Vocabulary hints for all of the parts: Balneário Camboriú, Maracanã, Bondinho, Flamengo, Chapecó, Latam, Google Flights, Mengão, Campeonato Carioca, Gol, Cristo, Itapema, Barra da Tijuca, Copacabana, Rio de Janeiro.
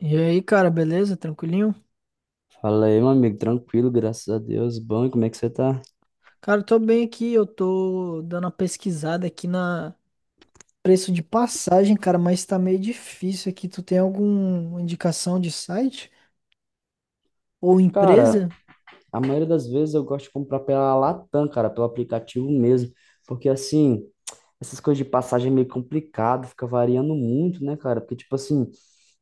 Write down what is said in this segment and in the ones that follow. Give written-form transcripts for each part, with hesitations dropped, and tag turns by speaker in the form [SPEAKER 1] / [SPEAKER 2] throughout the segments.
[SPEAKER 1] E aí, cara, beleza? Tranquilinho?
[SPEAKER 2] Fala aí, meu amigo, tranquilo, graças a Deus. Bom, e como é que você tá?
[SPEAKER 1] Cara, eu tô bem aqui, eu tô dando uma pesquisada aqui na preço de passagem, cara, mas tá meio difícil aqui. Tu tem alguma indicação de site ou
[SPEAKER 2] Cara,
[SPEAKER 1] empresa?
[SPEAKER 2] a maioria das vezes eu gosto de comprar pela Latam, cara, pelo aplicativo mesmo, porque assim, essas coisas de passagem é meio complicado, fica variando muito, né, cara? Porque, tipo assim,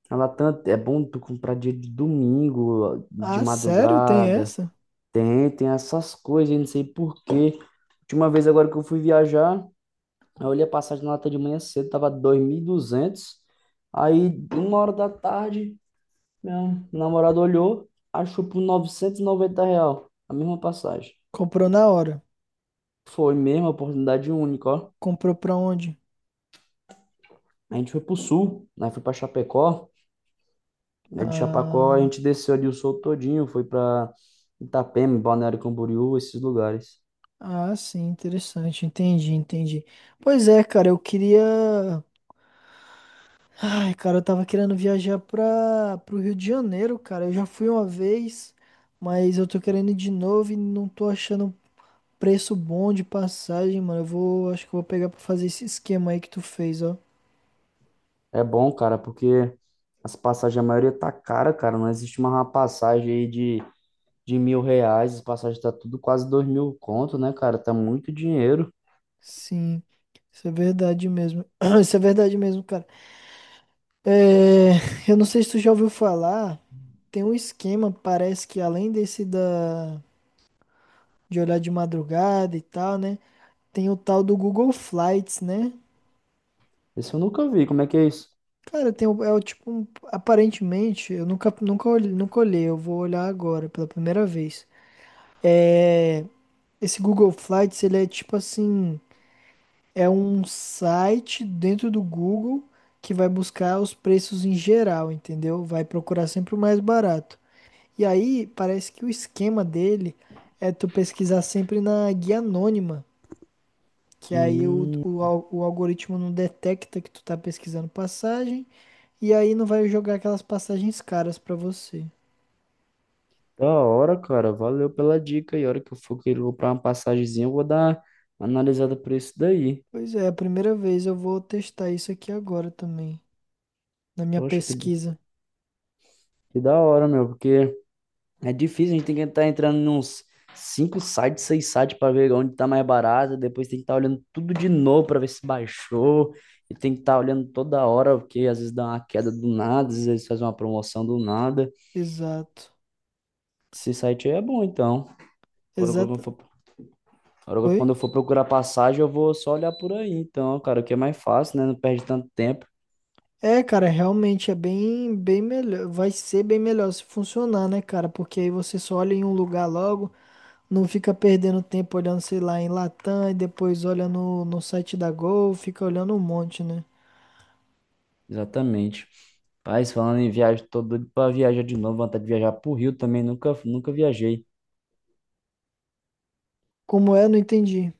[SPEAKER 2] a Latam é bom tu comprar dia de domingo, de
[SPEAKER 1] Ah, sério? Tem
[SPEAKER 2] madrugada,
[SPEAKER 1] essa?
[SPEAKER 2] tem, tem essas coisas, eu não sei por quê. Última vez agora que eu fui viajar, eu olhei a passagem na Latam de manhã cedo, tava 2.200 aí uma hora da tarde. Meu namorado olhou, achou por 990 real a mesma passagem.
[SPEAKER 1] Comprou na hora.
[SPEAKER 2] Foi mesmo, oportunidade única, ó.
[SPEAKER 1] Comprou pra onde?
[SPEAKER 2] A gente foi pro sul, né? Foi pra Chapecó. Né, de Chapecó a
[SPEAKER 1] Ah,
[SPEAKER 2] gente desceu ali o sul todinho, foi pra Itapema, Balneário Camboriú, esses lugares.
[SPEAKER 1] ah, sim, interessante. Entendi, entendi. Pois é, cara, eu queria. Ai, cara, eu tava querendo viajar pro Rio de Janeiro, cara. Eu já fui uma vez, mas eu tô querendo ir de novo e não tô achando preço bom de passagem, mano. Acho que eu vou pegar pra fazer esse esquema aí que tu fez, ó.
[SPEAKER 2] É bom, cara, porque as passagens, a maioria tá cara, cara. Não existe uma passagem aí de 1.000 reais. As passagens tá tudo quase 2.000 conto, né, cara? Tá muito dinheiro.
[SPEAKER 1] Sim, isso é verdade mesmo. Isso é verdade mesmo, cara. É, eu não sei se tu já ouviu falar, tem um esquema, parece que além desse de olhar de madrugada e tal, né? Tem o tal do Google Flights, né?
[SPEAKER 2] Esse eu nunca vi. Como é que é isso?
[SPEAKER 1] Cara, tem, é o tipo, aparentemente, eu nunca olhei, eu vou olhar agora pela primeira vez. É, esse Google Flights, ele é tipo assim, é um site dentro do Google que vai buscar os preços em geral, entendeu? Vai procurar sempre o mais barato. E aí, parece que o esquema dele é tu pesquisar sempre na guia anônima. Que aí o,
[SPEAKER 2] Hum.
[SPEAKER 1] o, al- o algoritmo não detecta que tu tá pesquisando passagem e aí não vai jogar aquelas passagens caras pra você.
[SPEAKER 2] Da hora, cara. Valeu pela dica. E a hora que eu for querer comprar uma passagemzinha, eu vou dar uma analisada por isso daí.
[SPEAKER 1] Pois é, a primeira vez eu vou testar isso aqui agora também, na minha
[SPEAKER 2] Poxa, que,
[SPEAKER 1] pesquisa.
[SPEAKER 2] que da hora, meu. Porque é difícil, a gente tem que estar entrando em uns cinco sites, seis sites para ver onde tá mais barato. Depois tem que estar olhando tudo de novo para ver se baixou. E tem que estar olhando toda hora, porque às vezes dá uma queda do nada, às vezes faz uma promoção do nada.
[SPEAKER 1] Exato.
[SPEAKER 2] Esse site aí é bom, então. Agora, quando eu
[SPEAKER 1] Exato.
[SPEAKER 2] for Agora,
[SPEAKER 1] Oi?
[SPEAKER 2] quando eu for procurar passagem, eu vou só olhar por aí. Então, cara, o que é mais fácil, né? Não perde tanto tempo.
[SPEAKER 1] É, cara, realmente é bem, bem melhor. Vai ser bem melhor se funcionar, né, cara? Porque aí você só olha em um lugar logo, não fica perdendo tempo olhando, sei lá, em Latam e depois olha no site da Gol, fica olhando um monte, né?
[SPEAKER 2] Exatamente. Mas falando em viagem, tô doido pra viajar de novo. Vontade de viajar pro Rio também. Nunca, nunca viajei.
[SPEAKER 1] Como é, não entendi.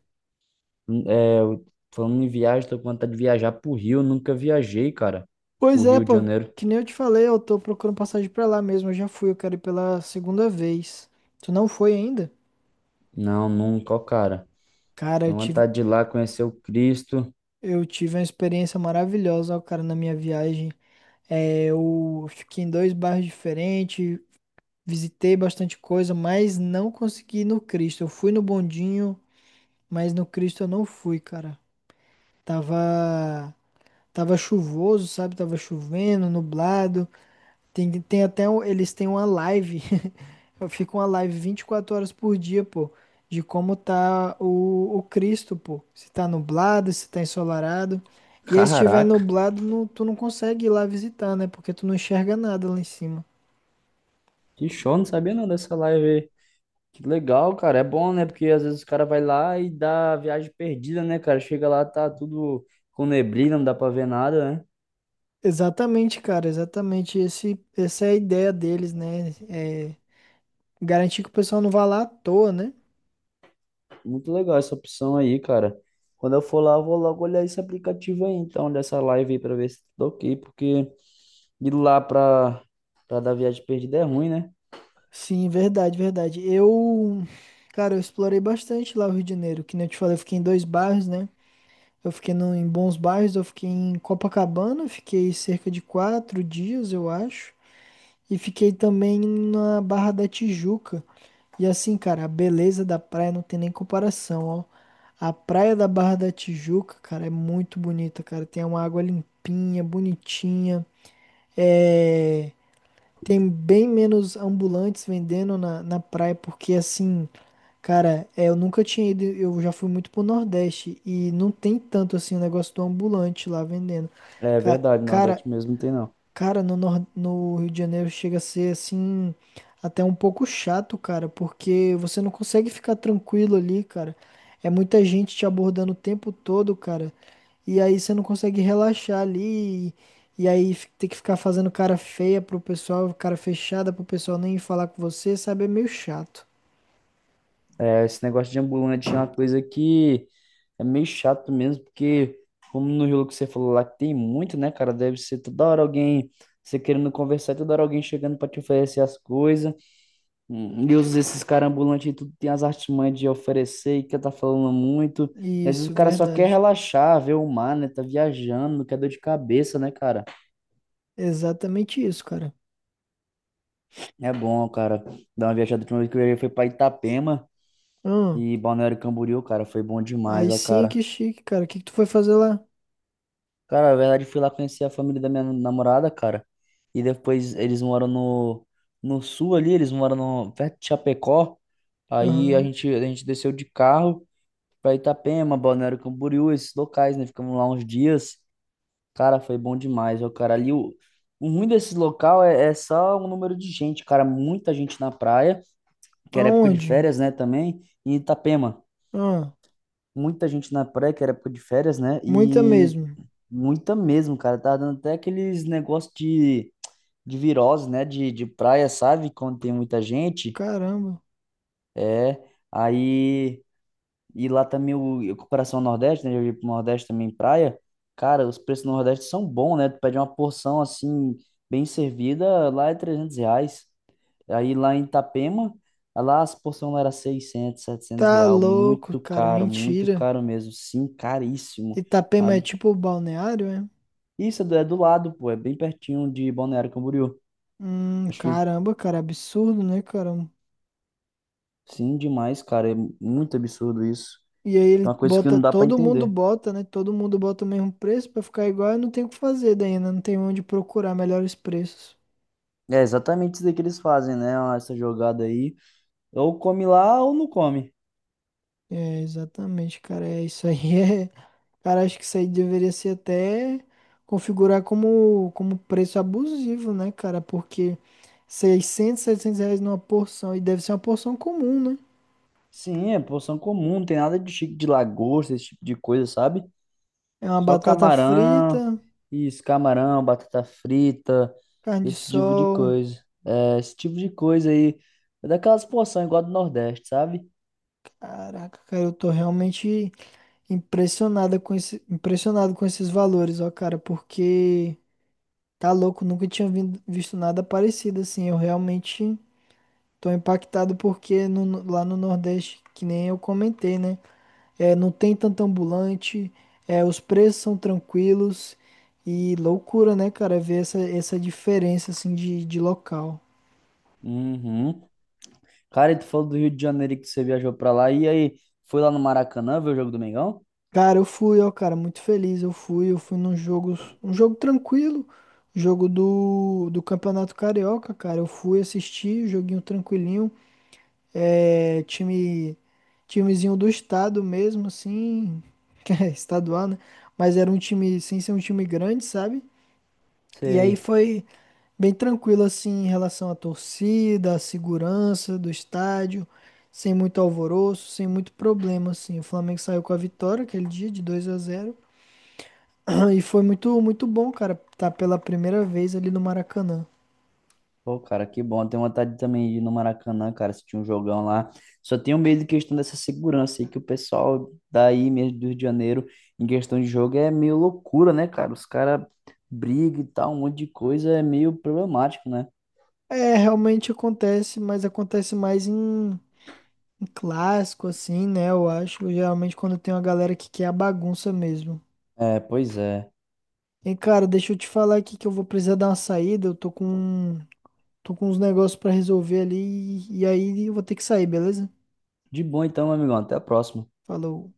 [SPEAKER 2] É, falando em viagem, tô com vontade de viajar pro Rio. Nunca viajei, cara. Pro
[SPEAKER 1] Pois é,
[SPEAKER 2] Rio de
[SPEAKER 1] pô,
[SPEAKER 2] Janeiro.
[SPEAKER 1] que nem eu te falei, eu tô procurando passagem pra lá mesmo, eu já fui, eu quero ir pela segunda vez. Tu não foi ainda?
[SPEAKER 2] Não, nunca, ó, cara.
[SPEAKER 1] Cara, eu
[SPEAKER 2] Tenho
[SPEAKER 1] tive,
[SPEAKER 2] vontade de ir lá conhecer o Cristo.
[SPEAKER 1] eu tive uma experiência maravilhosa, ó, cara, na minha viagem. É, eu fiquei em dois bairros diferentes, visitei bastante coisa, mas não consegui ir no Cristo. Eu fui no Bondinho, mas no Cristo eu não fui, cara. Tava, tava chuvoso, sabe? Tava chovendo, nublado. Tem até, eles têm uma live Fica uma live 24 horas por dia, pô, de como tá o Cristo, pô. Se tá nublado, se tá ensolarado. E aí, se tiver
[SPEAKER 2] Caraca,
[SPEAKER 1] nublado, tu não consegue ir lá visitar, né? Porque tu não enxerga nada lá em cima.
[SPEAKER 2] que show. Não sabia não dessa live aí. Que legal, cara. É bom, né? Porque às vezes o cara vai lá e dá a viagem perdida, né, cara? Chega lá, tá tudo com neblina, não dá pra ver nada, né?
[SPEAKER 1] Exatamente, cara, exatamente. Essa é a ideia deles, né? É garantir que o pessoal não vá lá à toa, né?
[SPEAKER 2] Muito legal essa opção aí, cara. Quando eu for lá, eu vou logo olhar esse aplicativo aí, então, dessa live aí, pra ver se tá ok, porque ir lá pra dar viagem perdida é ruim, né?
[SPEAKER 1] Sim, verdade, verdade. Eu, cara, eu explorei bastante lá o Rio de Janeiro, que nem eu te falei, eu fiquei em dois bairros, né? Eu fiquei no, em bons bairros, eu fiquei em Copacabana, fiquei cerca de 4 dias, eu acho. E fiquei também na Barra da Tijuca. E assim, cara, a beleza da praia não tem nem comparação, ó. A praia da Barra da Tijuca, cara, é muito bonita, cara. Tem uma água limpinha, bonitinha. É... Tem bem menos ambulantes vendendo na praia, porque assim, cara, eu nunca tinha ido, eu já fui muito pro Nordeste e não tem tanto assim o negócio do ambulante lá vendendo.
[SPEAKER 2] É
[SPEAKER 1] Ca-
[SPEAKER 2] verdade,
[SPEAKER 1] Cara,
[SPEAKER 2] Nordeste mesmo não tem não.
[SPEAKER 1] Cara, no Rio de Janeiro chega a ser assim, até um pouco chato, cara, porque você não consegue ficar tranquilo ali, cara. É muita gente te abordando o tempo todo, cara. E aí você não consegue relaxar ali. E aí ter que ficar fazendo cara feia pro pessoal, cara fechada pro pessoal nem falar com você, sabe? É meio chato.
[SPEAKER 2] É, esse negócio de ambulante é uma coisa que é meio chato mesmo, porque, como no jogo que você falou lá, que tem muito, né, cara? Deve ser toda hora alguém, você querendo conversar, toda hora alguém chegando pra te oferecer as coisas. Esses caras ambulantes aí, tudo tem as artimanhas de oferecer e que tá falando muito. Às vezes o
[SPEAKER 1] Isso,
[SPEAKER 2] cara só quer
[SPEAKER 1] verdade.
[SPEAKER 2] relaxar, ver o mar, né? Tá viajando, não quer dor de cabeça, né, cara?
[SPEAKER 1] Exatamente isso, cara.
[SPEAKER 2] É bom, cara, dar uma viajada. A última vez que eu viajei foi pra Itapema
[SPEAKER 1] Ah,
[SPEAKER 2] e Balneário Camboriú, cara, foi bom demais,
[SPEAKER 1] aí
[SPEAKER 2] ó,
[SPEAKER 1] sim
[SPEAKER 2] cara.
[SPEAKER 1] que chique, cara. O que que tu foi fazer lá?
[SPEAKER 2] Cara, na verdade, fui lá conhecer a família da minha namorada, cara. E depois eles moram no, sul ali, eles moram no, perto de Chapecó. Aí a
[SPEAKER 1] Aham.
[SPEAKER 2] gente, a gente desceu de carro pra Itapema, Balneário Camboriú, esses locais, né? Ficamos lá uns dias. Cara, foi bom demais, ó, cara. Ali, o ruim desse local é só o número de gente, cara. Muita gente na praia, que era época de
[SPEAKER 1] Aonde?
[SPEAKER 2] férias, né, também. E Itapema,
[SPEAKER 1] Ah.
[SPEAKER 2] muita gente na praia, que era época de férias, né?
[SPEAKER 1] Muita
[SPEAKER 2] E
[SPEAKER 1] mesmo.
[SPEAKER 2] muita mesmo, cara. Tá dando até aqueles negócios de virose, né? De praia, sabe? Quando tem muita gente.
[SPEAKER 1] Caramba.
[SPEAKER 2] É. Aí. E lá também o, comparação coração Nordeste, né? Eu ia pro Nordeste também, praia. Cara, os preços no Nordeste são bons, né? Tu pede uma porção assim, bem servida, lá é 300 reais. Aí lá em Itapema, lá as porções lá era 600 700
[SPEAKER 1] Tá
[SPEAKER 2] reais.
[SPEAKER 1] louco, cara.
[SPEAKER 2] Muito
[SPEAKER 1] Mentira.
[SPEAKER 2] caro mesmo. Sim, caríssimo.
[SPEAKER 1] Itapema é tipo balneário, é?
[SPEAKER 2] Isso é do lado, pô, é bem pertinho de Balneário Camboriú.
[SPEAKER 1] Hum,
[SPEAKER 2] Acho que
[SPEAKER 1] caramba, cara. Absurdo, né, cara?
[SPEAKER 2] sim, demais, cara. É muito absurdo isso.
[SPEAKER 1] E aí
[SPEAKER 2] É uma coisa que não dá pra
[SPEAKER 1] todo mundo
[SPEAKER 2] entender.
[SPEAKER 1] bota, né? Todo mundo bota o mesmo preço pra ficar igual. Eu não tenho o que fazer daí, né? Não tenho onde procurar melhores preços.
[SPEAKER 2] É exatamente isso aí que eles fazem, né? Essa jogada aí. Ou come lá ou não come.
[SPEAKER 1] É, exatamente, cara. É isso aí. É, Cara, acho que isso aí deveria ser até configurar como preço abusivo, né, cara? Porque 600 700 reais numa porção, e deve ser uma porção comum, né?
[SPEAKER 2] Sim, é porção comum, não tem nada de chique de lagosta, esse tipo de coisa, sabe?
[SPEAKER 1] É uma
[SPEAKER 2] Só
[SPEAKER 1] batata
[SPEAKER 2] camarão,
[SPEAKER 1] frita,
[SPEAKER 2] isso, camarão, batata frita,
[SPEAKER 1] carne de
[SPEAKER 2] esse tipo de
[SPEAKER 1] sol.
[SPEAKER 2] coisa. É, esse tipo de coisa aí. É daquelas porções igual a do Nordeste, sabe?
[SPEAKER 1] Caraca, cara, eu tô realmente impressionado com esses valores, ó, cara, porque tá louco, nunca tinha visto nada parecido assim. Eu realmente tô impactado porque lá no Nordeste, que nem eu comentei, né? Não tem tanto ambulante, os preços são tranquilos e loucura, né, cara, ver essa diferença, assim, de local.
[SPEAKER 2] Uhum. Cara, e tu falou do Rio de Janeiro e que você viajou pra lá. E aí, foi lá no Maracanã ver o jogo do Mengão?
[SPEAKER 1] Cara, eu fui, ó, cara, muito feliz, eu fui, num jogo, um jogo tranquilo, jogo do Campeonato Carioca, cara, eu fui assistir, joguinho tranquilinho, é, time, timezinho do estado mesmo, assim, que é estadual, né, mas era um time, sem ser um time grande, sabe? E aí
[SPEAKER 2] Sei.
[SPEAKER 1] foi bem tranquilo assim em relação à torcida, à segurança do estádio, sem muito alvoroço, sem muito problema assim. O Flamengo saiu com a vitória aquele dia de 2-0 e foi muito muito bom, cara, tá pela primeira vez ali no Maracanã.
[SPEAKER 2] Pô, cara, que bom. Eu tenho vontade também de ir no Maracanã, cara, se tinha um jogão lá. Só tenho medo de questão dessa segurança aí, que o pessoal daí mesmo do Rio de Janeiro, em questão de jogo, é meio loucura, né, cara? Os caras brigam e tal, um monte de coisa, é meio problemático, né?
[SPEAKER 1] É, realmente acontece, mas acontece mais em, clássico assim, né? Eu acho, geralmente quando tem uma galera que quer a bagunça mesmo.
[SPEAKER 2] É, pois é.
[SPEAKER 1] E cara, deixa eu te falar aqui que eu vou precisar dar uma saída, eu tô com um Tô com uns negócios pra resolver ali e aí eu vou ter que sair, beleza?
[SPEAKER 2] De bom então, meu amigão. Até a próxima.
[SPEAKER 1] Falou.